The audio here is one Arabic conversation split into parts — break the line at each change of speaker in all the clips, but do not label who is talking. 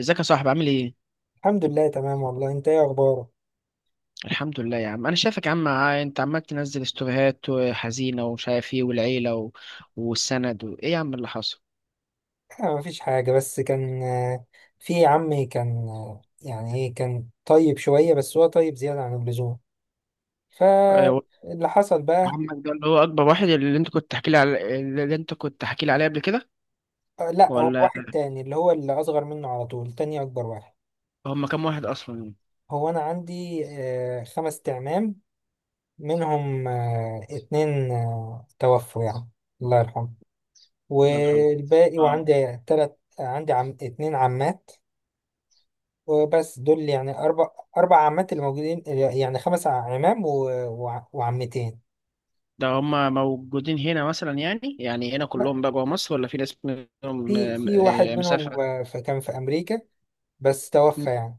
ازيك يا صاحبي، عامل ايه؟
الحمد لله، تمام والله. انت ايه اخبارك؟
الحمد لله يا عم، انا شايفك يا عم، انت عمال تنزل ستوريهات حزينه ومش عارف ايه، والعيله والسند ايه يا عم اللي حصل؟
مفيش حاجه، بس كان في عمي، كان يعني ايه، كان طيب شويه، بس هو طيب زياده عن اللزوم،
آه، و-
فاللي حصل بقى.
عمك ده اللي هو اكبر واحد، اللي انت كنت تحكي لي عليه قبل كده؟
لا، هو واحد
ولا
تاني، اللي هو اللي اصغر منه على طول، تاني اكبر واحد.
هم كام واحد اصلا يعني؟
هو انا عندي خمس تعمام، منهم اتنين توفوا يعني، الله يرحمه.
الله يرحمه.
والباقي،
اه.
وعندي تلات، عندي عم، اتنين عمات، وبس دول، يعني أربع عمات اللي موجودين، يعني خمس عمام وعمتين.
ده هم موجودين هنا مثلا، يعني هنا
لا،
كلهم بقى جوه مصر ولا في ناس منهم؟
في في واحد منهم
مسافره.
كان في أمريكا، بس توفى يعني.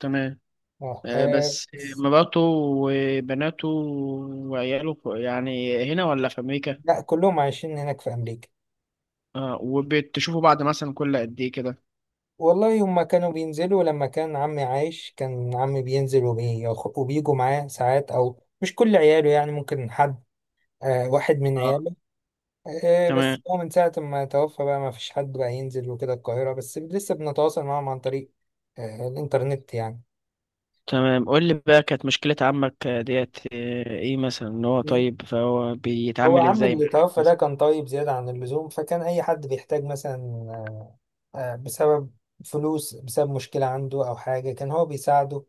تمام.
اه
بس،
بس.
مراته وبناته وعياله، يعني هنا ولا في أمريكا؟
لا، كلهم عايشين هناك في أمريكا.
وبتشوفوا بعض مثلا كل قد إيه كده؟
والله، هما كانوا بينزلوا لما كان عمي عايش، كان عمي بينزل وبيجوا معاه ساعات، أو مش كل عياله يعني، ممكن حد، واحد من
آه
عياله. إيه، بس
تمام،
هو من ساعة ما توفى بقى، ما فيش حد بقى ينزل وكده القاهرة، بس لسه بنتواصل معاهم عن طريق الإنترنت يعني.
تمام. قول لي بقى، كانت مشكلة عمك ديت إيه مثلا؟ إن هو
مم.
طيب فهو
هو
بيتعامل
عم
إزاي
اللي
معاك
توفى ده
مثلا؟
كان طيب زيادة عن اللزوم، فكان أي حد بيحتاج مثلا بسبب فلوس، بسبب مشكلة عنده أو حاجة، كان هو بيساعده.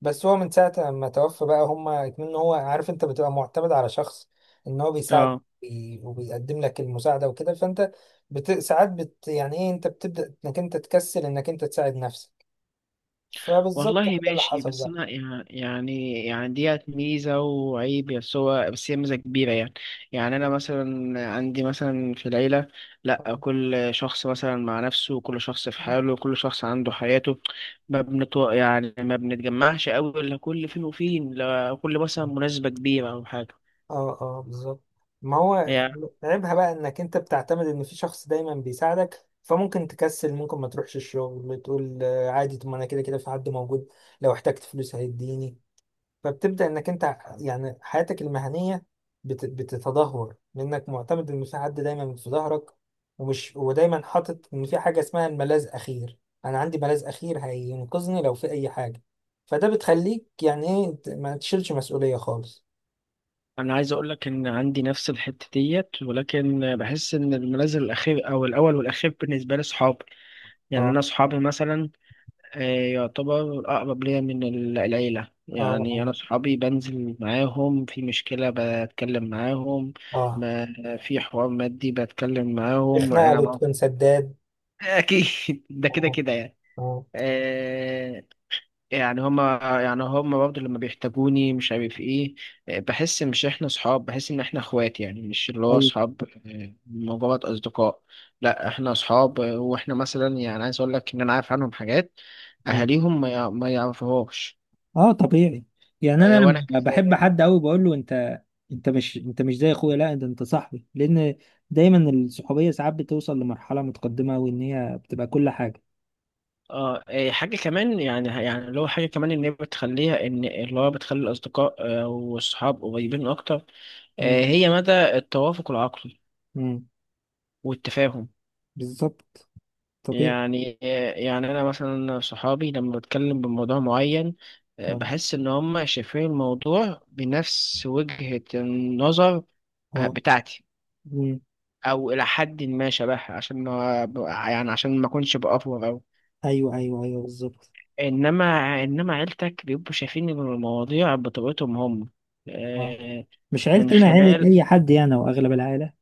بس هو من ساعة ما توفى بقى، هما اتمنوا، هو عارف، أنت بتبقى معتمد على شخص إن هو بيساعد
آه
وبيقدم لك المساعدة وكده، فأنت يعني إيه، أنت بتبدأ إنك أنت تكسل، إنك أنت تساعد نفسك، فبالظبط هو
والله
ده اللي
ماشي.
حصل
بس
بقى.
انا يعني ديت ميزه وعيب، بس هي ميزه كبيره يعني. يعني انا مثلا عندي مثلا في العيله، لا كل شخص مثلا مع نفسه، وكل شخص في حاله، وكل شخص عنده حياته. ما بنت يعني ما بنتجمعش قوي الا كل فين وفين، لا كل مثلا مناسبه كبيره او حاجه.
اه اه، بالظبط. ما هو
يعني
عيبها بقى انك انت بتعتمد ان في شخص دايما بيساعدك، فممكن تكسل، ممكن ما تروحش الشغل، تقول عادي، طب ما انا كده كده في حد موجود، لو احتجت فلوس هيديني. فبتبدأ انك انت يعني حياتك المهنية بتتدهور، لانك معتمد ان في حد دايما في ظهرك، ومش ودايما حاطط ان في حاجة اسمها الملاذ اخير، انا عندي ملاذ اخير هينقذني لو في اي حاجة، فده بتخليك يعني ايه، ما تشيلش مسؤولية خالص.
انا عايز اقول لك ان عندي نفس الحته ديت، ولكن بحس ان المنازل الاخير، او الاول والاخير بالنسبه لي، اصحابي. يعني
اه
انا اصحابي مثلا آه، يعتبر أقرب ليا من العيلة.
اه
يعني
اه
أنا صحابي بنزل معاهم في مشكلة، بتكلم معاهم.
اه.
ما في حوار مادي بتكلم معاهم
الخناقة
أنا بقى.
بتكون سداد.
أكيد. ده كده
اه
كده يعني.
اه،
آه، يعني هما برضه لما بيحتاجوني مش عارف ايه. بحس ان احنا اخوات، يعني مش اللي هو
ايوه،
صحاب مجرد اصدقاء. لا احنا صحاب، واحنا مثلا، يعني عايز اقول لك ان انا عارف عنهم حاجات اهاليهم ما يعرفوهاش.
اه، طبيعي. يعني انا
وانا
لما
كذلك.
بحب حد قوي بقول له انت، انت مش زي اخويا، لا ده انت صاحبي، لان دايما الصحوبيه ساعات بتوصل لمرحله متقدمه، وان هي بتبقى كل حاجه.
اه، إيه، حاجة كمان، يعني اللي هو حاجة كمان ان هي بتخليها ان اللي هو بتخلي الاصدقاء والصحاب قريبين اكتر.
مم.
هي مدى التوافق العقلي
مم.
والتفاهم.
بالظبط، طبيعي.
يعني يعني انا مثلا صحابي لما بتكلم بموضوع معين،
اه
بحس ان هم شايفين الموضوع بنفس وجهة النظر
اه.
بتاعتي،
مم.
او الى حد ما شبهها، عشان ما اكونش بافور او...
ايوه ايوه ايوه، بالظبط.
انما عيلتك بيبقوا شايفين المواضيع بطريقتهم هم
اه،
آه،
مش
من
عيلتنا عيله
خلال
اي حد يعني، واغلب العائله.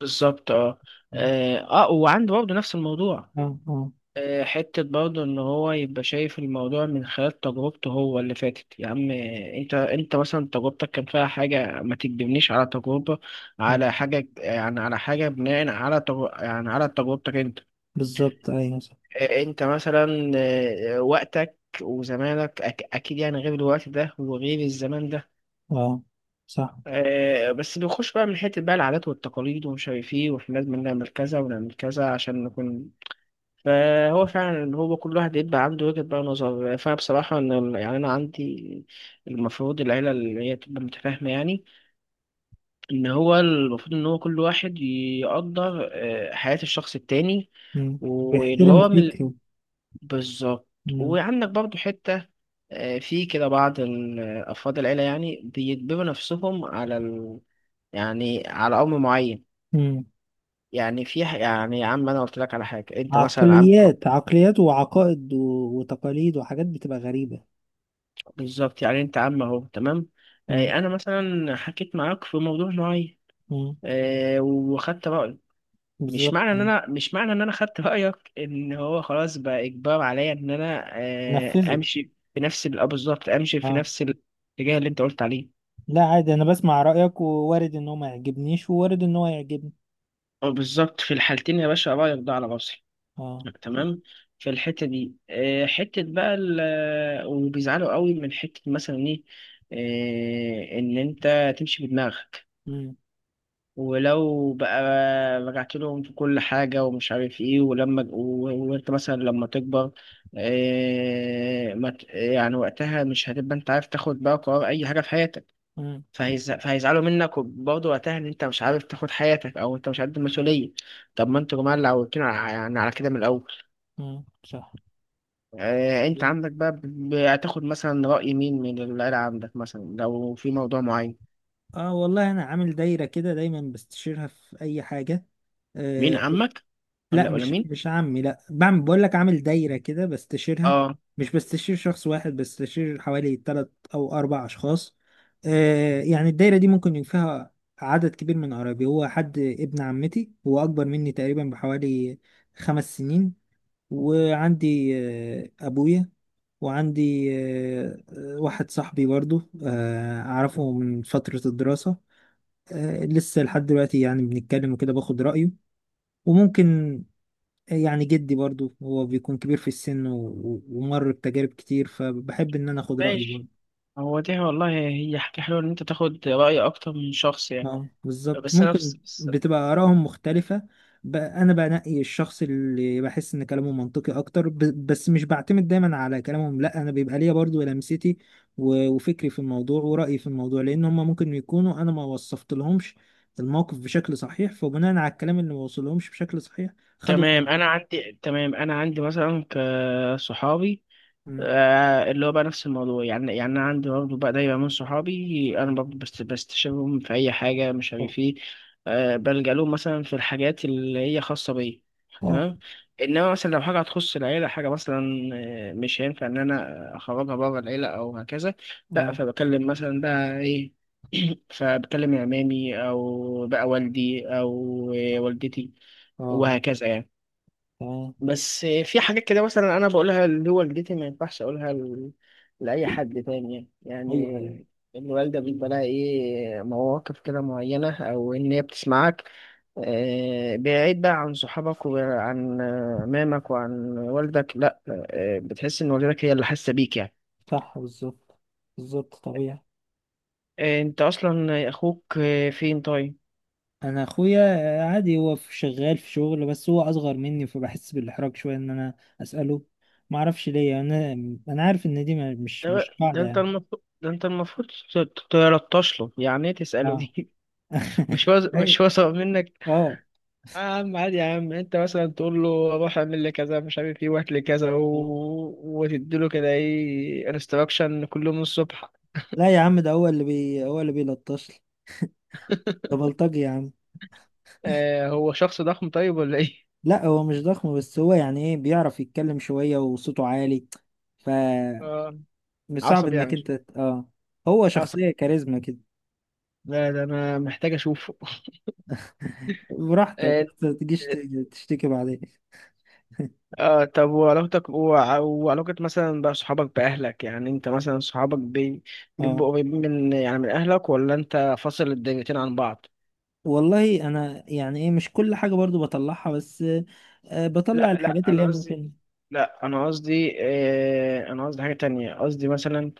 بالظبط. اه،
مم.
اه. وعنده برضه نفس الموضوع.
اه اه
حتة برضه، إن هو يبقى شايف الموضوع من خلال تجربته هو اللي فاتت يا عم. أنت مثلا تجربتك كان فيها حاجة ما تكدبنيش على تجربة،
اه،
على حاجة، بناء على تجربتك أنت.
بالظبط، ايوه، صح.
أنت مثلا وقتك وزمانك أكيد، يعني غير الوقت ده وغير الزمان ده.
اه، صح.
بس بيخش بقى من حتة بقى العادات والتقاليد ومش عارف إيه، وإحنا لازم نعمل كذا ونعمل كذا عشان نكون. فهو فعلا اللي هو كل واحد يبقى عنده وجهة بقى نظر. فأنا بصراحة، إن يعني أنا عندي، المفروض العيلة اللي هي تبقى متفاهمة يعني. إن هو المفروض إن هو كل واحد يقدر حياة الشخص التاني.
مم.
واللي
بيحترم
هو من
فكره.
بالظبط.
مم.
وعندك برضو حتة في كده بعض أفراد العيلة يعني بيجبروا نفسهم على أمر معين.
مم.
يعني يعني يا عم، أنا قلت لك على حاجة، أنت مثلا عم،
عقليات عقليات وعقائد وتقاليد وحاجات بتبقى غريبة.
بالظبط. يعني انت عم اهو، تمام.
مم.
انا مثلا حكيت معاك في موضوع معين،
مم.
وخدت رايك. مش
بالظبط.
معنى ان
مم.
انا مش معنى ان انا خدت رايك، ان هو خلاص بقى اجبار عليا ان انا، آه،
نفذه.
امشي في نفس ال- آه، بالظبط، امشي في
اه،
نفس الاتجاه اللي انت قلت عليه.
لا عادي، انا بسمع رأيك، ووارد ان هو ما يعجبنيش، ووارد ان هو يعجبني.
بالظبط، في الحالتين يا باشا، رايك ده على راسي.
اه. صح.
تمام. في الحته دي آه، حته بقى ال- آه، وبيزعلوا قوي من حته مثلا ايه، ان انت تمشي بدماغك.
مم.
ولو بقى رجعت لهم في كل حاجة ومش عارف ايه، وانت مثلا لما تكبر، إيه، ما ت- يعني وقتها مش هتبقى انت عارف تاخد بقى قرار اي حاجة في حياتك.
مم.
فهيزعلوا منك، وبرضه وقتها ان انت مش عارف تاخد حياتك، او انت مش قد المسؤولية. طب ما انتوا جماعة اللي عودتونا يعني على كده من الاول.
مم. صح.
إيه انت عندك بقى هتاخد مثلا رأي مين من العيلة، عندك مثلا لو في موضوع معين؟
اه والله، انا عامل دايرة كده دايما بستشيرها في اي حاجة.
مين
آه،
عمك
لا،
ولا
مش
مين؟
مش عمي، لا بعمل، بقول لك عامل دايرة كده بستشيرها.
اه،
مش بستشير شخص واحد، بستشير حوالي تلات أو أربع أشخاص. آه، يعني الدايرة دي ممكن يكون فيها عدد كبير من قرايبي. هو حد ابن عمتي، هو أكبر مني تقريبا بحوالي 5 سنين. وعندي آه، أبويا. وعندي واحد صاحبي برضو، آه، أعرفه من فترة الدراسة، آه لسه لحد دلوقتي يعني بنتكلم وكده، باخد رأيه. وممكن يعني جدي برضو، هو بيكون كبير في السن، ومر بتجارب كتير، فبحب ان انا اخد رأيه
ماشي.
برضو.
هو دي والله هي حاجة حلوة، إن أنت تاخد رأي أكتر من شخص يعني.
اه، بالظبط،
بس أنا
ممكن
بس بس
بتبقى آرائهم مختلفة. انا بنقي الشخص اللي بحس ان كلامه منطقي اكتر. بس مش بعتمد دايما على كلامهم، لا انا بيبقى ليا برضو لمستي وفكري في الموضوع ورأيي في الموضوع، لان هم ممكن يكونوا انا ما وصفت لهمش الموقف بشكل صحيح، فبناء على الكلام اللي ما وصلهمش بشكل صحيح خدوا
تمام
قرار.
أنا عندي تمام أنا عندي مثلا كصحابي
مم.
اللي هو بقى نفس الموضوع. يعني انا عندي برضه بقى دايما من صحابي، انا برضه بستشيرهم في اي حاجه مش
اه
عارف ايه. بلجأ لهم مثلا في الحاجات اللي هي خاصه بيا.
اه
تمام. انما مثلا لو حاجه هتخص العيله، حاجه مثلا مش هينفع ان انا اخرجها بره العيله او هكذا. لا،
اه
فبكلم مثلا بقى ايه، فبكلم عمامي، او بقى والدي، او والدتي
اه. آه.
وهكذا يعني.
تمام.
بس في حاجات كده مثلا انا بقولها اللي هو والدتي، ما ينفعش اقولها لاي حد تاني يعني.
ايوه ايوه،
يعني الوالده بيبقى لها ايه مواقف كده معينه، او ان هي بتسمعك بعيد بقى عن صحابك وعن مامك وعن والدك، لا، بتحس ان والدتك هي اللي حاسه بيك يعني.
صح، بالظبط. بالظبط، طبيعي.
انت اصلا، اخوك فين؟ طيب.
انا اخويا عادي، هو شغال في شغل، بس هو اصغر مني، فبحس بالاحراج شويه ان انا اساله، ما اعرفش ليه انا. انا عارف ان دي
ده,
مش
ده
قاعده
انت
يعني.
المفروض، تلطش له. يعني ايه تساله
اه.
دي؟ مش هو
ايوه.
مش هو سبب منك.
اه.
يا عم عادي، يا عم انت مثلا تقول له روح اعمل لي كذا مش عارف ايه، وهات لي كذا
آه.
وتديله كده ايه انستراكشن كل يوم الصبح.
لا يا عم، ده هو اللي بي هو اللي بيلطش لي، ده بلطجي يا عم.
هو شخص ضخم طيب ولا ايه؟
لا هو مش ضخم، بس هو يعني ايه بيعرف يتكلم شويه وصوته عالي، ف،
آه
مش صعب
عصب يعني.
انك انت اه. هو
عصب.
شخصيه كاريزما كده.
لا ده انا محتاج اشوفه.
براحتك،
آه،
بس ما تجيش تشتكي بعدين.
آه، طب وعلاقتك وعلاقة مثلا بقى صحابك بأهلك، يعني انت مثلا صحابك
اه
بيبقوا قريبين من أهلك، ولا انت فاصل الدنيتين عن بعض؟
والله، انا يعني ايه، مش كل حاجه برضو بطلعها، بس آه، بطلع
لا،
الحاجات
لا،
اللي
انا
هي
قصدي.
ممكن.
لا انا قصدي، انا قصدي حاجة تانية، قصدي مثلا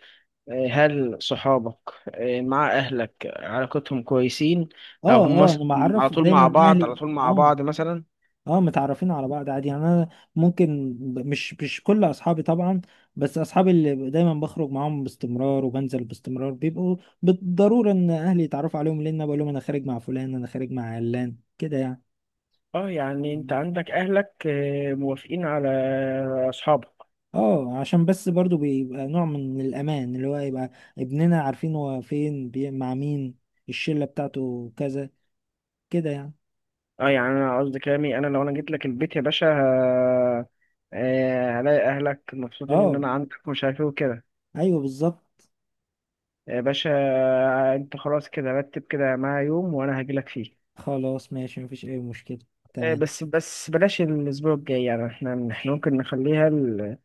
هل صحابك مع اهلك علاقتهم كويسين؟ او
اه
هم
اه،
مثلا
انا معرف دايما
على
اهلي،
طول مع
اه.
بعض مثلا؟
اه، متعرفين على بعض عادي يعني. انا ممكن، مش كل اصحابي طبعا، بس اصحابي اللي دايما بخرج معاهم باستمرار وبنزل باستمرار بيبقوا بالضروره ان اهلي يتعرفوا عليهم، لان أنا بقول لهم انا خارج مع فلان، انا خارج مع علان كده
اه، يعني انت
يعني.
عندك اهلك موافقين على اصحابك؟
اه، عشان بس برضو بيبقى نوع من الأمان، اللي هو يبقى ابننا عارفين هو فين، مع مين، الشلة بتاعته كذا كده يعني.
اه، يعني انا قصدي كلامي، انا لو انا جيت لك البيت يا باشا، هلاقي اهلك مبسوطين ان
اه،
انا عندك مش عارف ايه وكده.
ايوه، بالظبط.
يا باشا انت خلاص كده رتب كده معايا يوم وانا هاجي لك فيه.
خلاص ماشي، مفيش أي مشكلة. تمام.
بس، بلاش الأسبوع الجاي. يعني احنا ممكن نخليها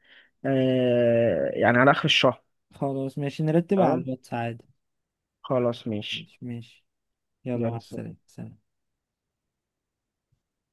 يعني على آخر الشهر.
خلاص ماشي، نرتبها على
تمام.
الواتس عادي.
خلاص ماشي.
ماشي ماشي. يلا مع
يلا.
السلامة، سلام.